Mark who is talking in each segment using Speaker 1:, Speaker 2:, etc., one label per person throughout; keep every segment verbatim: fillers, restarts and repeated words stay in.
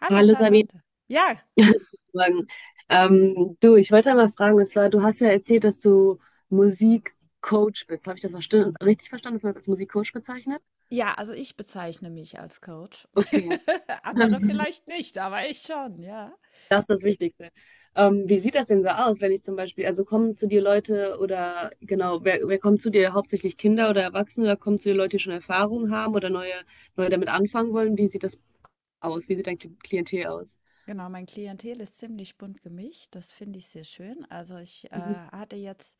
Speaker 1: Hallo
Speaker 2: Hallo Sabine.
Speaker 1: Charlotte. Ja,
Speaker 2: Guten Morgen. Ähm, du, ich wollte mal fragen, und zwar, du hast ja erzählt, dass du Musikcoach bist. Habe ich das verste- richtig verstanden, dass man das als Musikcoach bezeichnet?
Speaker 1: ja, also ich bezeichne mich als Coach.
Speaker 2: Okay,
Speaker 1: Andere vielleicht nicht, aber ich schon, ja.
Speaker 2: das ist das Wichtigste. Ähm, wie sieht das denn so aus, wenn ich zum Beispiel, also kommen zu dir Leute oder genau, wer, wer kommt zu dir? Hauptsächlich Kinder oder Erwachsene oder kommen zu dir Leute, die schon Erfahrung haben oder neue, neue damit anfangen wollen? Wie sieht das aus? Wie sieht dein Kli- Klientel aus?
Speaker 1: Genau, mein Klientel ist ziemlich bunt gemischt. Das finde ich sehr schön. Also ich
Speaker 2: Mhm.
Speaker 1: äh, hatte jetzt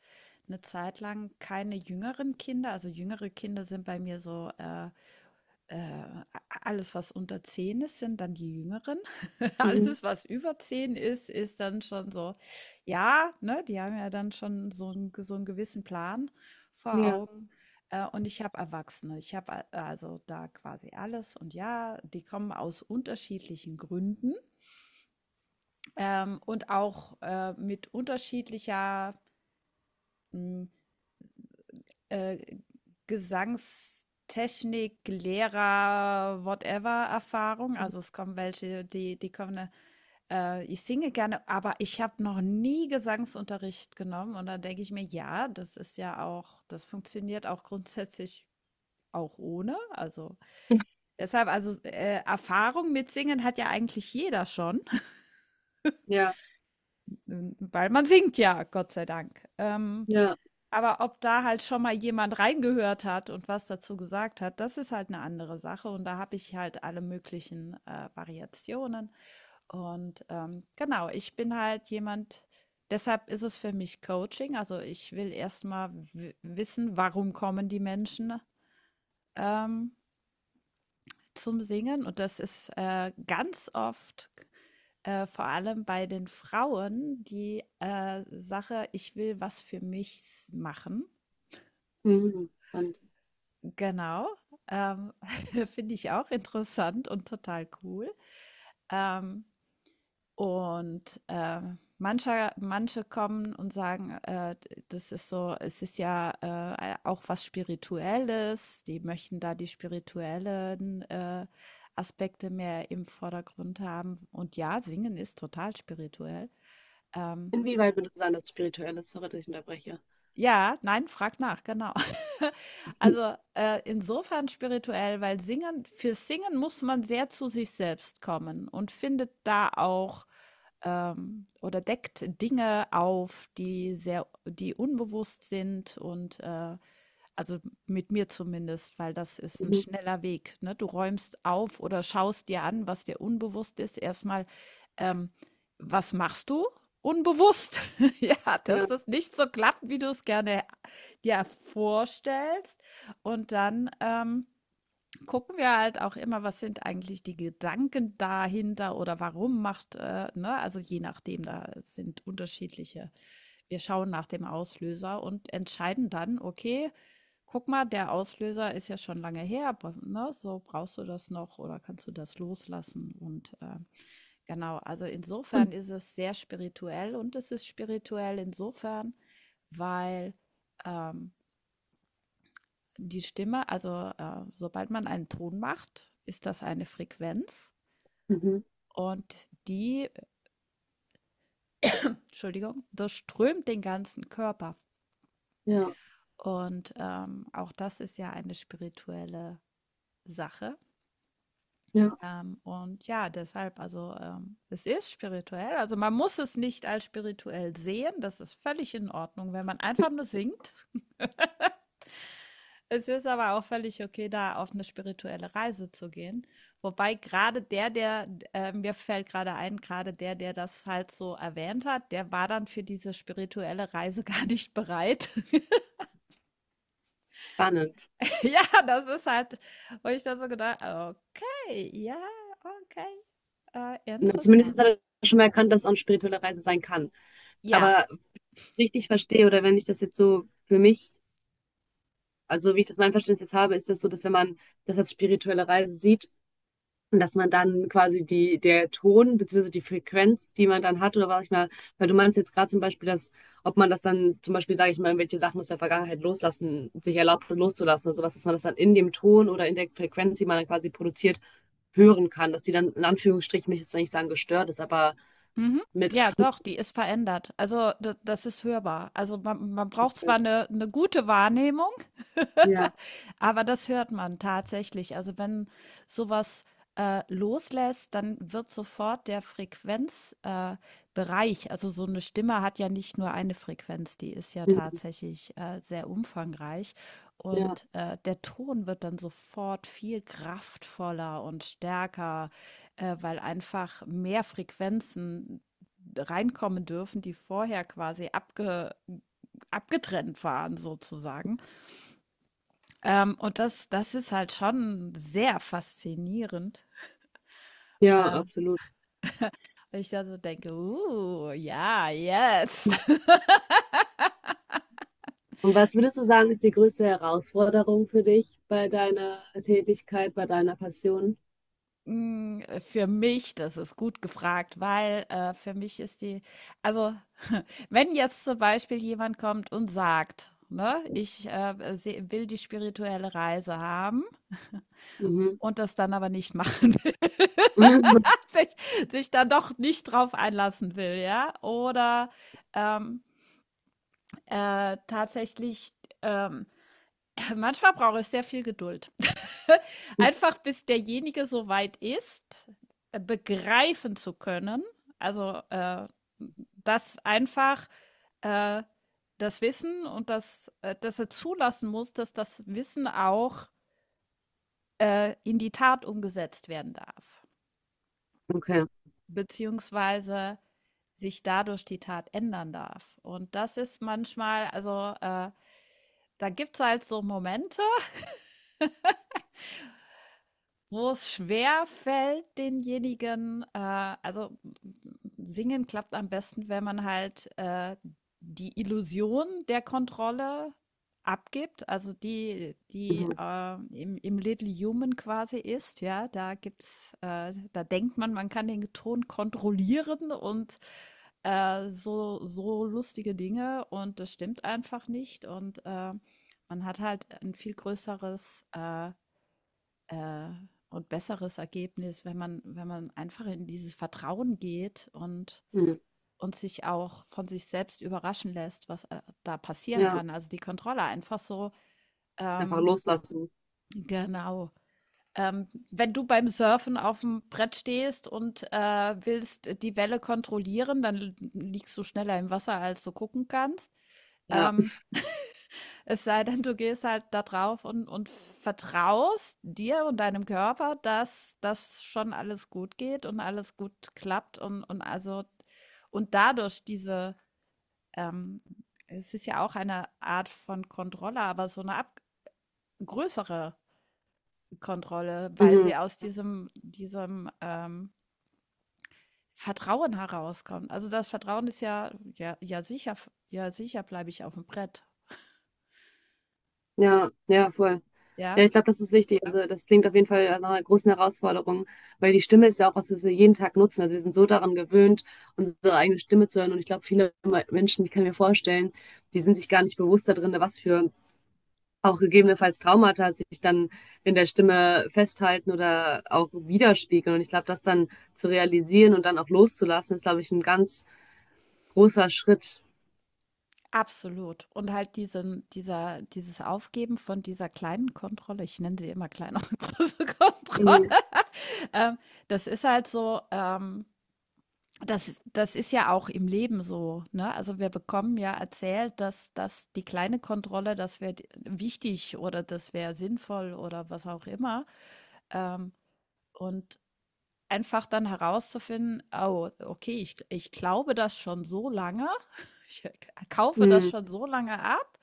Speaker 1: eine Zeit lang keine jüngeren Kinder. Also jüngere Kinder sind bei mir so äh, äh, alles, was unter zehn ist, sind dann die Jüngeren.
Speaker 2: Mhm.
Speaker 1: Alles, was über zehn ist, ist dann schon so, ja, ne, die haben ja dann schon so, einen- so einen gewissen Plan vor
Speaker 2: Ja,
Speaker 1: Augen. Äh, und ich habe Erwachsene. Ich habe äh, also da quasi alles. Und ja, die kommen aus unterschiedlichen Gründen ähm, und auch äh, mit unterschiedlicher m, äh, Gesangstechnik, Lehrer, whatever Erfahrung. Also es kommen welche, die, die kommen, äh, ich singe gerne, aber ich habe noch nie Gesangsunterricht genommen. Und dann denke ich mir, ja, das ist ja auch, das funktioniert auch grundsätzlich auch ohne. Also deshalb, also äh, Erfahrung mit Singen hat ja eigentlich jeder schon,
Speaker 2: ja,
Speaker 1: weil man singt ja, Gott sei Dank. Ähm,
Speaker 2: ja.
Speaker 1: Aber ob da halt schon mal jemand reingehört hat und was dazu gesagt hat, das ist halt eine andere Sache und da habe ich halt alle möglichen, äh, Variationen und, ähm, genau, ich bin halt jemand deshalb ist es für mich Coaching. Also, ich will erstmal wissen, warum kommen die Menschen, ähm, zum Singen und das ist, äh, ganz oft, äh, vor allem bei den Frauen die, äh, Sache: „Ich will was für mich machen."
Speaker 2: Mhm. Spannend.
Speaker 1: Genau, ähm, finde ich auch interessant und total cool. Ähm, und ähm, manche, manche kommen und sagen, äh, das ist so, es ist ja äh, auch was Spirituelles, die möchten da die spirituellen äh, Aspekte mehr im Vordergrund haben. Und ja, singen ist total spirituell. Ähm,
Speaker 2: Inwieweit würde es sein, dass es spirituell ist? Sorry, dass ich unterbreche.
Speaker 1: Ja, nein, frag nach, genau. Also, äh, insofern spirituell, weil singen, für Singen muss man sehr zu sich selbst kommen und findet da auch ähm, oder deckt Dinge auf, die sehr, die unbewusst sind und äh, also mit mir zumindest, weil das ist ein
Speaker 2: Mhm.
Speaker 1: schneller Weg, ne? Du räumst auf oder schaust dir an, was dir unbewusst ist. Erstmal, ähm, was machst du? Unbewusst. Ja, dass
Speaker 2: Ja.
Speaker 1: das nicht so klappt, wie du es gerne dir vorstellst. Und dann, ähm gucken wir halt auch immer, was sind eigentlich die Gedanken dahinter oder warum macht, äh, ne? Also je nachdem, da sind unterschiedliche. Wir schauen nach dem Auslöser und entscheiden dann, okay, guck mal, der Auslöser ist ja schon lange her, aber, ne? So brauchst du das noch oder kannst du das loslassen? Und äh, genau, also insofern
Speaker 2: Und
Speaker 1: ist es sehr spirituell und es ist spirituell insofern, weil ähm, die Stimme, also äh, sobald man einen Ton macht, ist das eine Frequenz
Speaker 2: mhm.
Speaker 1: und die, Entschuldigung, durchströmt den ganzen Körper.
Speaker 2: Ja.
Speaker 1: Und ähm, auch das ist ja eine spirituelle Sache.
Speaker 2: Ja.
Speaker 1: Ähm, und ja, deshalb, also ähm, es ist spirituell. Also man muss es nicht als spirituell sehen. Das ist völlig in Ordnung, wenn man einfach nur singt. Es ist aber auch völlig okay, da auf eine spirituelle Reise zu gehen. Wobei gerade der, der, äh, mir fällt gerade ein, gerade der, der das halt so erwähnt hat, der war dann für diese spirituelle Reise gar nicht bereit.
Speaker 2: Spannend.
Speaker 1: Ja, das ist halt, wo ich dann so gedacht, okay, ja, okay, äh,
Speaker 2: Na, zumindest hat
Speaker 1: interessant.
Speaker 2: er schon mal erkannt, dass es auch eine spirituelle Reise sein kann.
Speaker 1: Ja.
Speaker 2: Aber richtig verstehe, oder wenn ich das jetzt so für mich, also wie ich das mein Verständnis jetzt habe, ist das so, dass wenn man das als spirituelle Reise sieht. Und dass man dann quasi die, der Ton beziehungsweise die Frequenz, die man dann hat, oder was ich mal, weil du meinst jetzt gerade zum Beispiel, dass, ob man das dann zum Beispiel, sage ich mal, welche Sachen aus der Vergangenheit loslassen, sich erlaubt loszulassen oder sowas, dass man das dann in dem Ton oder in der Frequenz, die man dann quasi produziert, hören kann, dass die dann in Anführungsstrichen, mich jetzt nicht sagen gestört ist, aber
Speaker 1: Mhm.
Speaker 2: mit.
Speaker 1: Ja, doch, die ist verändert. Also da- das ist hörbar. Also man, man braucht zwar eine, eine gute Wahrnehmung,
Speaker 2: Ja,
Speaker 1: aber das hört man tatsächlich. Also wenn sowas äh, loslässt, dann wird sofort der Frequenzbereich, äh, Bereich, also so eine Stimme hat ja nicht nur eine Frequenz, die ist ja
Speaker 2: mhm,
Speaker 1: tatsächlich äh, sehr umfangreich.
Speaker 2: ja,
Speaker 1: Und äh, der Ton wird dann sofort viel kraftvoller und stärker, äh, weil einfach mehr Frequenzen reinkommen dürfen, die vorher quasi abge abgetrennt waren, sozusagen. Ähm, und das, das ist halt schon sehr faszinierend.
Speaker 2: ja,
Speaker 1: Äh,
Speaker 2: absolut.
Speaker 1: ich also denke, uh, ja, jetzt.
Speaker 2: Und was würdest du sagen, ist die größte Herausforderung für dich bei deiner Tätigkeit, bei deiner Passion?
Speaker 1: Hm, äh, für mich, das ist gut gefragt, weil, äh, für mich ist die also, wenn jetzt zum Beispiel jemand kommt und sagt, ne: „Ich, äh, se will die spirituelle Reise haben"
Speaker 2: Mhm.
Speaker 1: und das dann aber nicht machen will, sich sich dann doch nicht drauf einlassen will, ja? Oder, ähm, äh, tatsächlich, ähm manchmal brauche ich sehr viel Geduld. Einfach bis derjenige so weit ist, äh, begreifen zu können, also äh, dass einfach äh, das Wissen und das, äh, dass er zulassen muss, dass das Wissen auch äh, in die Tat umgesetzt werden darf,
Speaker 2: Okay.
Speaker 1: beziehungsweise sich dadurch die Tat ändern darf. Und das ist manchmal, also äh, da gibt es halt so Momente, wo es schwer fällt, denjenigen, äh, also singen klappt am besten, wenn man halt äh, die Illusion der Kontrolle abgibt, also die, die
Speaker 2: Mhm.
Speaker 1: äh, im, im Little Human quasi ist, ja, da gibt's, äh, da denkt man, man kann den Ton kontrollieren und äh, so, so lustige Dinge und das stimmt einfach nicht und äh, man hat halt ein viel größeres äh, äh, und besseres Ergebnis, wenn man, wenn man einfach in dieses Vertrauen geht und,
Speaker 2: Mhm.
Speaker 1: und sich auch von sich selbst überraschen lässt, was äh, da passieren
Speaker 2: Ja,
Speaker 1: kann. Also die Kontrolle einfach so,
Speaker 2: einfach
Speaker 1: ähm,
Speaker 2: loslassen.
Speaker 1: genau. Ähm, wenn du beim Surfen auf dem Brett stehst und äh, willst die Welle kontrollieren, dann liegst du schneller im Wasser, als du gucken kannst.
Speaker 2: Ja.
Speaker 1: Ähm, Es sei denn, du gehst halt da drauf und, und vertraust dir und deinem Körper, dass das schon alles gut geht und alles gut klappt und, und also und dadurch diese, ähm, es ist ja auch eine Art von Kontrolle, aber so eine ab größere Kontrolle, weil sie
Speaker 2: Mhm.
Speaker 1: aus diesem, diesem ähm, Vertrauen herauskommt. Also das Vertrauen ist ja, ja, ja sicher, ja sicher bleibe ich auf dem Brett.
Speaker 2: Ja, ja, voll.
Speaker 1: Ja,
Speaker 2: Ja, ich glaube, das ist wichtig. Also das klingt auf jeden Fall nach einer großen Herausforderung, weil die Stimme ist ja auch was, was wir jeden Tag nutzen. Also wir sind so daran gewöhnt, unsere eigene Stimme zu hören. Und ich glaube, viele Me- Menschen, ich kann mir vorstellen, die sind sich gar nicht bewusst darin, was für auch gegebenenfalls Traumata sich dann in der Stimme festhalten oder auch widerspiegeln. Und ich glaube, das dann zu realisieren und dann auch loszulassen, ist, glaube ich, ein ganz großer Schritt.
Speaker 1: absolut. Und halt diesen dieser dieses Aufgeben von dieser kleinen Kontrolle, ich nenne sie immer kleine und große Kontrolle.
Speaker 2: Mhm.
Speaker 1: Ähm, das ist halt so, ähm, das das ist ja auch im Leben so, ne? Also wir bekommen ja erzählt, dass dass die kleine Kontrolle, das wäre wichtig oder das wäre sinnvoll oder was auch immer. Ähm, und einfach dann herauszufinden, oh, okay, ich, ich glaube das schon so lange, ich kaufe das
Speaker 2: Mhm.
Speaker 1: schon so lange ab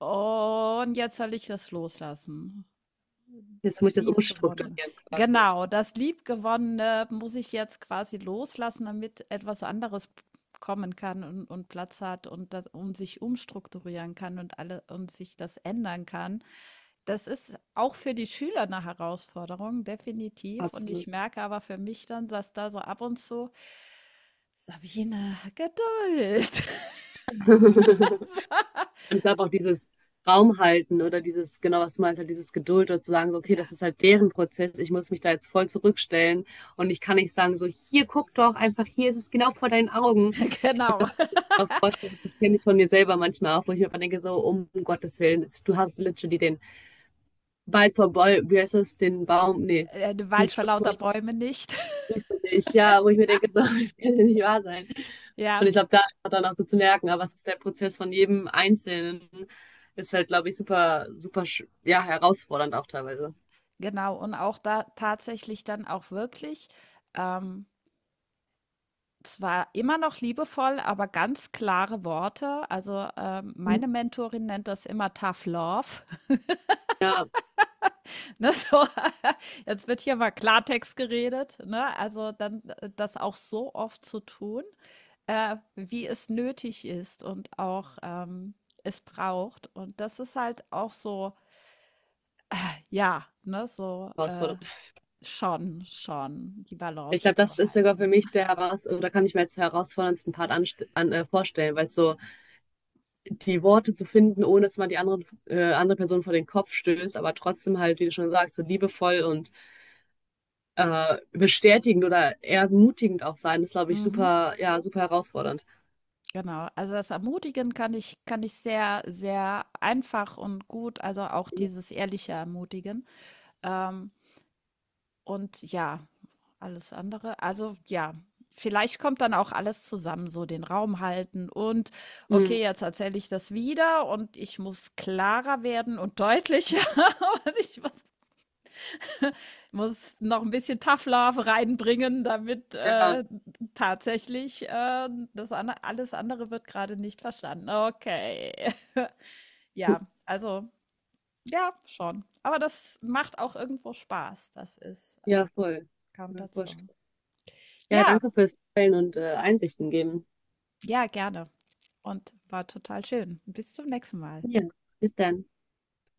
Speaker 1: äh, und jetzt soll ich das loslassen.
Speaker 2: Jetzt muss ich
Speaker 1: Das
Speaker 2: das
Speaker 1: Liebgewonnene.
Speaker 2: umstrukturieren quasi.
Speaker 1: Genau, das Liebgewonnene muss ich jetzt quasi loslassen, damit etwas anderes kommen kann und, und Platz hat und, das, und sich umstrukturieren kann und alle und sich das ändern kann. Das ist auch für die Schüler eine Herausforderung, definitiv. Und ich
Speaker 2: Absolut.
Speaker 1: merke aber für mich dann, dass da so ab und zu, Sabine, Geduld.
Speaker 2: Und ich glaube auch dieses Raum halten oder dieses, genau was du meinst, halt dieses Geduld oder zu sagen, so, okay,
Speaker 1: Ja,
Speaker 2: das ist halt deren Prozess, ich muss mich da jetzt voll zurückstellen und ich kann nicht sagen, so, hier guck doch einfach, hier ist es genau vor deinen Augen.
Speaker 1: genau.
Speaker 2: Auch vorstellen, das kenne ich von mir selber manchmal auch, wo ich mir immer denke, so, um Gottes Willen, es- du hast literally den Wald vor Bäu- wie heißt das, den Baum, nee,
Speaker 1: Der Wald
Speaker 2: dieses
Speaker 1: vor lauter
Speaker 2: Sprichwort,
Speaker 1: Bäume nicht.
Speaker 2: ja, wo ich mir denke, so, das kann ja nicht wahr sein.
Speaker 1: Ja,
Speaker 2: Und ich glaube, da ist man dann auch so zu merken, aber es ist der Prozess von jedem Einzelnen, ist halt, glaube ich, super, super, sch- ja, herausfordernd auch teilweise.
Speaker 1: genau, und auch da tatsächlich dann auch wirklich, ähm, zwar immer noch liebevoll, aber ganz klare Worte. Also, ähm, meine Mentorin nennt das immer Tough Love,
Speaker 2: Ja,
Speaker 1: ne, so. Jetzt wird hier mal Klartext geredet, ne? Also, dann äh, das auch so oft zu tun, äh, wie es nötig ist und auch, ähm, es braucht. Und das ist halt auch so ja, ne, so, äh,
Speaker 2: herausfordernd.
Speaker 1: schon schon die
Speaker 2: Ich
Speaker 1: Balance
Speaker 2: glaube,
Speaker 1: zu
Speaker 2: das ist sogar für
Speaker 1: halten.
Speaker 2: mich der heraus, oder kann ich mir jetzt den herausforderndsten Part anst an, äh, vorstellen, weil so die Worte zu finden, ohne dass man die anderen, äh, andere Person vor den Kopf stößt, aber trotzdem halt, wie du schon sagst, so liebevoll und äh, bestätigend oder ermutigend auch sein, ist, glaube ich,
Speaker 1: Mhm.
Speaker 2: super, ja, super herausfordernd.
Speaker 1: Genau, also das Ermutigen kann ich kann ich sehr, sehr einfach und gut, also auch dieses ehrliche Ermutigen. Ähm, und ja, alles andere, also ja, vielleicht kommt dann auch alles zusammen, so den Raum halten und
Speaker 2: Mhm.
Speaker 1: okay, jetzt erzähle ich das wieder und ich muss klarer werden und deutlicher und ich muss muss noch ein bisschen Tough Love reinbringen, damit,
Speaker 2: Ja,
Speaker 1: äh, tatsächlich, äh, das an alles andere wird gerade nicht verstanden. Okay. Ja, also ja, schon. Aber das macht auch irgendwo Spaß. Das ist äh,
Speaker 2: ja, voll. Kann ich
Speaker 1: kommt
Speaker 2: mir
Speaker 1: dazu.
Speaker 2: vorstellen. Ja,
Speaker 1: Ja,
Speaker 2: danke fürs Teilen und äh, Einsichten geben.
Speaker 1: ja, gerne und war total schön. Bis zum nächsten Mal.
Speaker 2: Ja, bis dann.